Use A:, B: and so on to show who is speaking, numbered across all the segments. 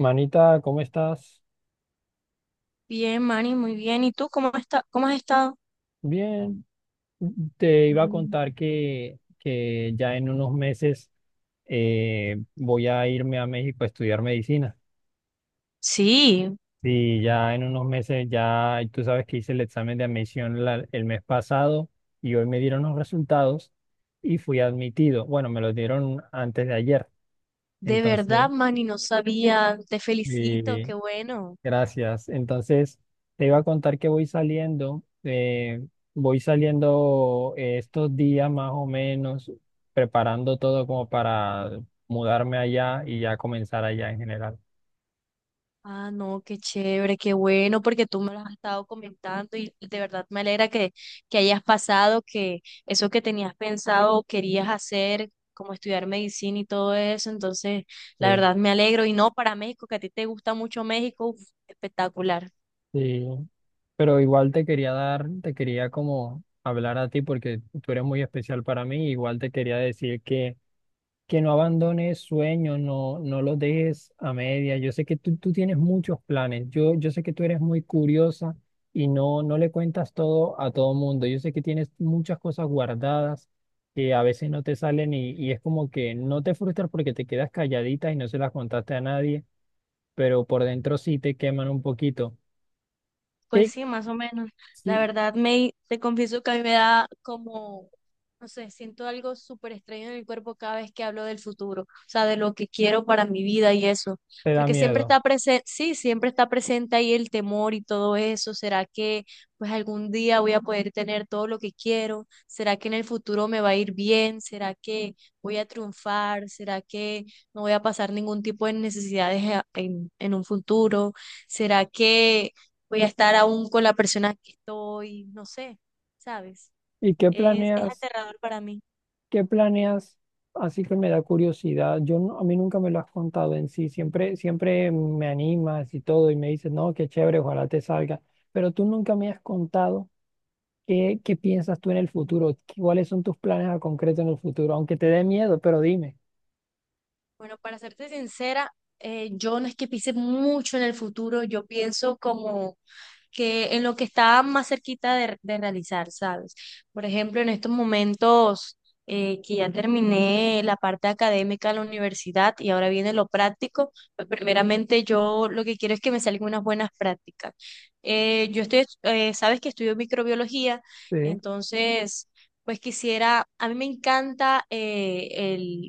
A: Manita, ¿cómo estás?
B: Bien, Manny, muy bien. ¿Y tú cómo está, cómo has estado?
A: Bien, te iba a
B: Mm.
A: contar que ya en unos meses voy a irme a México a estudiar medicina.
B: Sí,
A: Sí, ya en unos meses, ya tú sabes que hice el examen de admisión el mes pasado y hoy me dieron los resultados y fui admitido. Bueno, me los dieron antes de ayer.
B: de
A: Entonces,
B: verdad, Manny, no sabía. Te felicito,
A: sí,
B: qué bueno.
A: gracias. Entonces, te iba a contar que voy saliendo estos días más o menos, preparando todo como para mudarme allá y ya comenzar allá en general.
B: Ah, no, qué chévere, qué bueno, porque tú me lo has estado comentando y de verdad me alegra que hayas pasado, que eso que tenías pensado o querías hacer, como estudiar medicina y todo eso. Entonces, la
A: Sí,
B: verdad me alegro. Y no para México, que a ti te gusta mucho México, uf, espectacular.
A: sí. Pero igual te quería dar, te quería como hablar a ti porque tú eres muy especial para mí. Igual te quería decir que no abandones sueños, no, no los dejes a media. Yo sé que tú tienes muchos planes. Yo sé que tú eres muy curiosa y no, no le cuentas todo a todo mundo. Yo sé que tienes muchas cosas guardadas que a veces no te salen y es como que no te frustras porque te quedas calladita y no se las contaste a nadie, pero por dentro sí te queman un poquito.
B: Pues
A: ¿Qué,
B: sí, más o menos. La
A: sí
B: verdad, me, te confieso que a mí me da como. No sé, siento algo súper extraño en el cuerpo cada vez que hablo del futuro, o sea, de lo que quiero para mi vida y eso,
A: te da
B: porque siempre
A: miedo?
B: está presente, sí, siempre está presente ahí el temor y todo eso. ¿Será que pues algún día voy a poder tener todo lo que quiero? ¿Será que en el futuro me va a ir bien? ¿Será que voy a triunfar? ¿Será que no voy a pasar ningún tipo de necesidades a- en un futuro? ¿Será que voy a estar aún con la persona que estoy? No sé, ¿sabes?
A: ¿Y qué
B: Es
A: planeas?
B: aterrador para mí.
A: ¿Qué planeas? Así que me da curiosidad. Yo no- A mí nunca me lo has contado en sí. Siempre, siempre me animas y todo y me dices, no, qué chévere, ojalá te salga. Pero tú nunca me has contado qué piensas tú en el futuro. ¿Cuáles son tus planes a concreto en el futuro? Aunque te dé miedo, pero dime.
B: Bueno, para serte sincera, yo no es que piense mucho en el futuro, yo pienso como que en lo que está más cerquita de realizar, ¿sabes? Por ejemplo, en estos momentos que ya terminé la parte académica de la universidad y ahora viene lo práctico, pues primeramente yo lo que quiero es que me salgan unas buenas prácticas. Yo estoy, sabes que estudio microbiología,
A: Sí,
B: entonces... Pues quisiera, a mí me encanta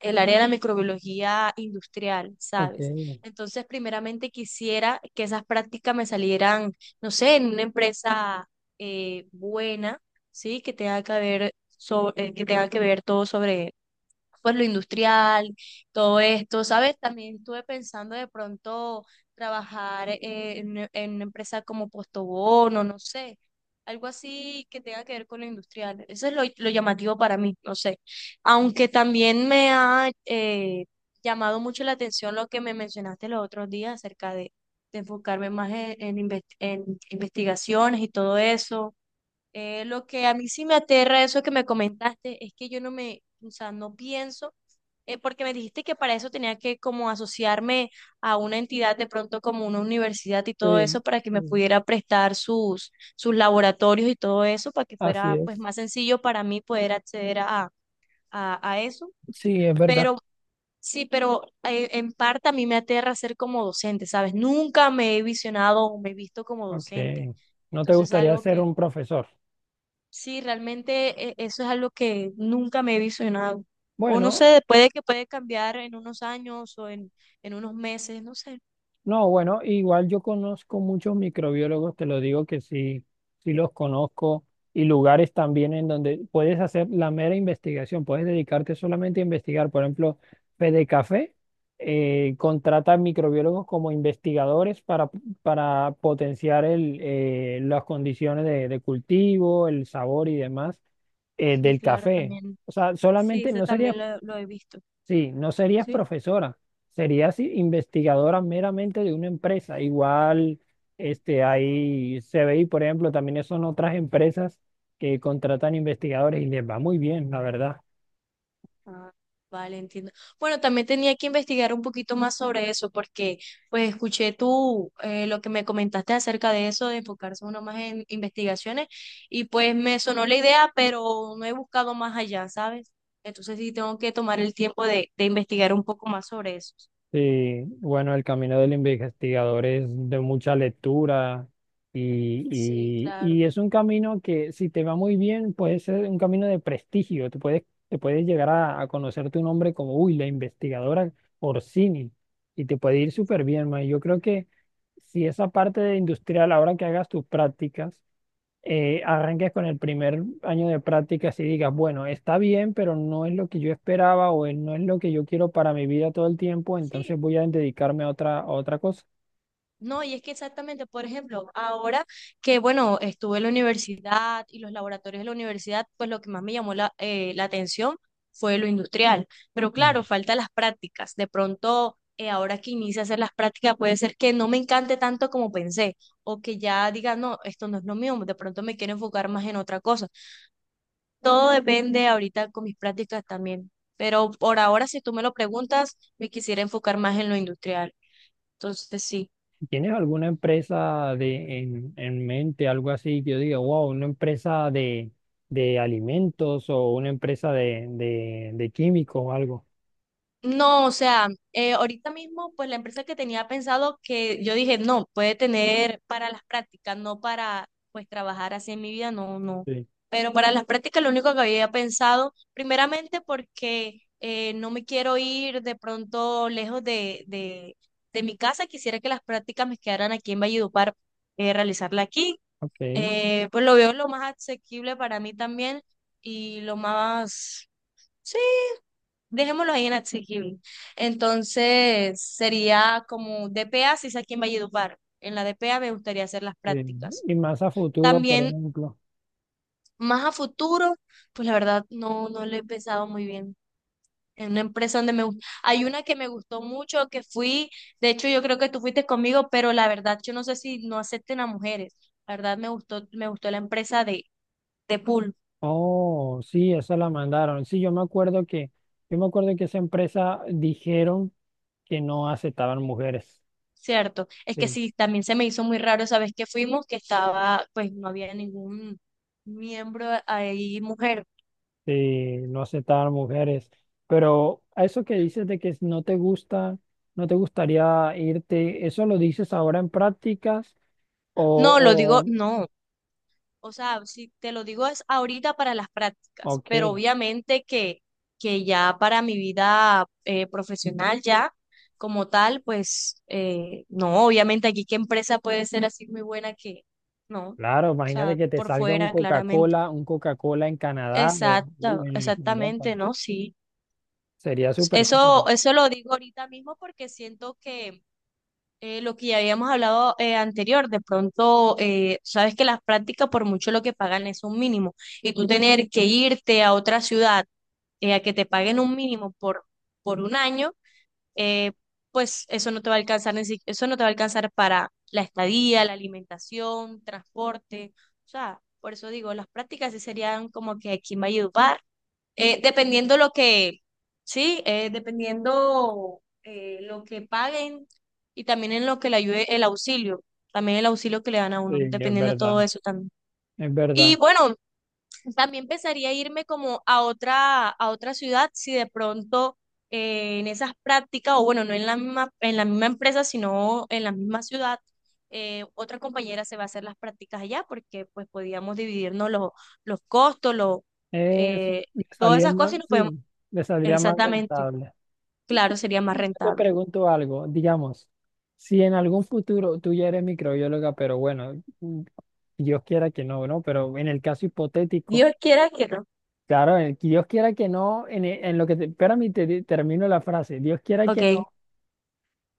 B: el área de la microbiología industrial,
A: ok.
B: ¿sabes? Entonces, primeramente quisiera que esas prácticas me salieran, no sé, en una empresa buena, ¿sí? Que tenga que ver sobre, que tenga que ver todo sobre pues lo industrial, todo esto, ¿sabes? También estuve pensando de pronto trabajar en una empresa como Postobón o no sé, algo así que tenga que ver con lo industrial. Eso es lo llamativo para mí, no sé. Aunque también me ha llamado mucho la atención lo que me mencionaste los otros días acerca de enfocarme más en inves- en investigaciones y todo eso. Lo que a mí sí me aterra eso que me comentaste es que yo no me, o sea, no pienso porque me dijiste que para eso tenía que como asociarme a una entidad de pronto como una universidad y todo eso
A: Sí,
B: para que me
A: sí,
B: pudiera prestar sus, sus laboratorios y todo eso para que
A: así
B: fuera pues
A: es.
B: más sencillo para mí poder acceder a eso.
A: Sí, es verdad.
B: Pero sí, pero en parte a mí me aterra ser como docente, ¿sabes? Nunca me he visionado o me he visto como
A: Ok.
B: docente.
A: ¿No te
B: Entonces es
A: gustaría
B: algo
A: ser
B: que,
A: un profesor?
B: Sí, realmente eso es algo que nunca me he visionado. O no
A: Bueno,
B: sé, puede que puede cambiar en unos años o en unos meses, no sé.
A: no, bueno, igual yo conozco muchos microbiólogos, te lo digo que sí, sí los conozco, y lugares también en donde puedes hacer la mera investigación, puedes dedicarte solamente a investigar. Por ejemplo, Fedecafé contrata microbiólogos como investigadores para potenciar el, las condiciones de cultivo, el sabor y demás
B: Sí,
A: del
B: claro,
A: café.
B: también.
A: O sea,
B: Sí,
A: solamente
B: eso
A: no sería.
B: también lo he visto.
A: Sí, no serías
B: Sí.
A: profesora, serías investigadora meramente de una empresa. Igual, este, hay CBI, por ejemplo, también son otras empresas que contratan investigadores y les va muy bien, la verdad.
B: Ah, vale, entiendo. Bueno, también tenía que investigar un poquito más sobre eso porque pues escuché tú lo que me comentaste acerca de eso, de enfocarse uno más en investigaciones y pues me sonó la idea, pero no he buscado más allá, ¿sabes? Entonces sí tengo que tomar el tiempo de investigar un poco más sobre eso.
A: Sí, bueno, el camino del investigador es de mucha lectura y,
B: Sí, claro.
A: y es un camino que si te va muy bien puede ser un camino de prestigio, te puedes llegar a conocer tu nombre como, uy, la investigadora Orsini y te puede ir súper bien, ma. Yo creo que si esa parte de industrial, ahora que hagas tus prácticas, arranques con el primer año de prácticas y digas, bueno, está bien, pero no es lo que yo esperaba o no es lo que yo quiero para mi vida todo el tiempo,
B: Sí,
A: entonces voy a dedicarme a otra cosa.
B: no, y es que exactamente, por ejemplo, ahora que, bueno, estuve en la universidad y los laboratorios de la universidad, pues lo que más me llamó la, la atención fue lo industrial. Pero
A: Mm.
B: claro, falta las prácticas. De pronto, ahora que inicie a hacer las prácticas, puede ser que no me encante tanto como pensé, o que ya diga, no, esto no es lo mío, de pronto me quiero enfocar más en otra cosa. Todo depende ahorita con mis prácticas también. Pero por ahora, si tú me lo preguntas, me quisiera enfocar más en lo industrial. Entonces, sí.
A: ¿Tienes alguna empresa de, en mente, algo así, que yo diga, wow, una empresa de alimentos o una empresa de químicos o algo?
B: No, o sea, ahorita mismo, pues la empresa que tenía pensado que yo dije, no, puede tener para las prácticas, no para pues trabajar así en mi vida, no, no.
A: Sí,
B: Pero para las prácticas lo único que había pensado, primeramente porque no me quiero ir de pronto lejos de mi casa, quisiera que las prácticas me quedaran aquí en Valledupar, realizarla aquí.
A: ok. Sí.
B: Pues lo veo lo más asequible para mí también y lo más... Sí, dejémoslo ahí en asequible. Entonces, sería como DPA, si es aquí en Valledupar. En la DPA me gustaría hacer las prácticas.
A: Y más a futuro, por
B: También,
A: ejemplo.
B: más a futuro, pues la verdad no, no lo he pensado muy bien. En una empresa donde me... gust- Hay una que me gustó mucho, que fui, de hecho yo creo que tú fuiste conmigo, pero la verdad yo no sé si no acepten a mujeres. La verdad me gustó la empresa de pool.
A: Oh, sí, esa la mandaron. Sí, yo me acuerdo que esa empresa dijeron que no aceptaban mujeres.
B: Cierto, es que
A: Sí,
B: sí, también se me hizo muy raro, esa vez que fuimos, que estaba, pues no había ningún miembro ahí mujer.
A: sí, no aceptaban mujeres. Pero a eso que dices de que no te gusta, no te gustaría irte, ¿eso lo dices ahora en prácticas?
B: No, lo
A: O,
B: digo, no. O sea, si te lo digo es ahorita para las
A: o,
B: prácticas, pero
A: ok,
B: obviamente que ya para mi vida profesional ya como tal, pues no, obviamente aquí qué empresa puede ser así muy buena que no. O
A: claro,
B: sea,
A: imagínate que te
B: por
A: salga
B: fuera, claramente.
A: Un Coca-Cola en Canadá
B: Exacto,
A: o en Europa.
B: exactamente, ¿no? Sí.
A: Sería súper chévere.
B: Eso lo digo ahorita mismo porque siento que lo que ya habíamos hablado anterior, de pronto, sabes que las prácticas por mucho lo que pagan es un mínimo y tú tener que irte a otra ciudad a que te paguen un mínimo por un año, eh, pues eso no te va a alcanzar, ni si- eso no te va a alcanzar para la estadía, la alimentación, transporte, o sea, por eso digo, las prácticas sí serían como que aquí en Valledupar dependiendo lo que, sí, dependiendo lo que paguen y también en lo que le ayude el auxilio, también el auxilio que le dan a
A: Sí,
B: uno,
A: es
B: dependiendo de
A: verdad,
B: todo eso también.
A: es
B: Y
A: verdad.
B: bueno, también pensaría irme como a otra ciudad si de pronto en esas prácticas, o bueno, no en la misma, en la misma empresa, sino en la misma ciudad, otra compañera se va a hacer las prácticas allá porque pues podíamos dividirnos los costos, los...
A: Eso,
B: eh,
A: le
B: todas
A: salía
B: esas cosas
A: más,
B: y nos podemos
A: sí, le saldría más
B: Exactamente.
A: rentable.
B: Claro, sería más
A: Yo te
B: rentable.
A: pregunto algo, digamos, si en algún futuro tú ya eres microbióloga, pero bueno, mm, Dios quiera que no, ¿no? Pero en el caso hipotético,
B: Dios quiera que no.
A: claro, Dios quiera que no, en lo que te, espérame, y termino la frase, Dios quiera
B: Ok,
A: que no.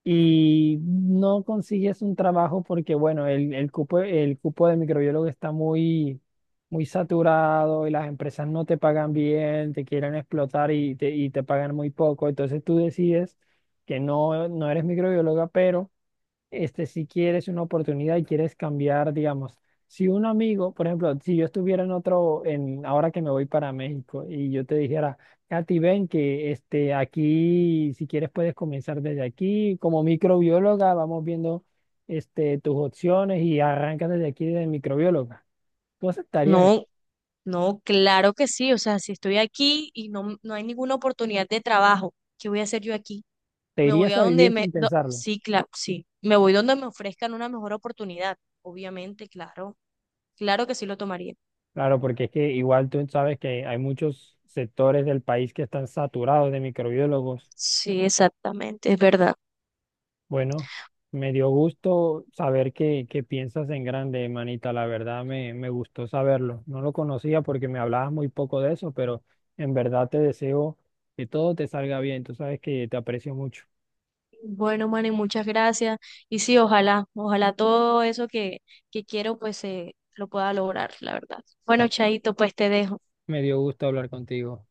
A: Y no consigues un trabajo porque, bueno, el cupo de microbiólogo está muy, muy saturado y las empresas no te pagan bien, te quieren explotar y te pagan muy poco. Entonces tú decides que no, no eres microbióloga, pero este, si quieres una oportunidad y quieres cambiar, digamos, si un amigo, por ejemplo, si yo estuviera en ahora que me voy para México y yo te dijera, Katy, ven que este, aquí, si quieres puedes comenzar desde aquí, como microbióloga, vamos viendo este, tus opciones y arrancas desde aquí de microbióloga. ¿Tú aceptarías eso?
B: no, no, claro que sí. O sea, si estoy aquí y no, no hay ninguna oportunidad de trabajo, ¿qué voy a hacer yo aquí?
A: ¿Te
B: Me voy
A: irías
B: a
A: a
B: donde
A: vivir
B: me...
A: sin
B: do-
A: pensarlo?
B: sí, claro, sí. Me voy donde me ofrezcan una mejor oportunidad. Obviamente, claro. Claro que sí lo tomaría.
A: Claro, porque es que igual tú sabes que hay muchos sectores del país que están saturados de microbiólogos.
B: Sí, exactamente, es verdad.
A: Bueno, me dio gusto saber que piensas en grande, manita. La verdad me gustó saberlo. No lo conocía porque me hablabas muy poco de eso, pero en verdad te deseo que todo te salga bien. Tú sabes que te aprecio mucho.
B: Bueno, Manny, muchas gracias. Y sí, ojalá, ojalá todo eso que quiero, pues lo pueda lograr, la verdad. Bueno,
A: Ah,
B: Chaito, pues te dejo.
A: me dio gusto hablar contigo.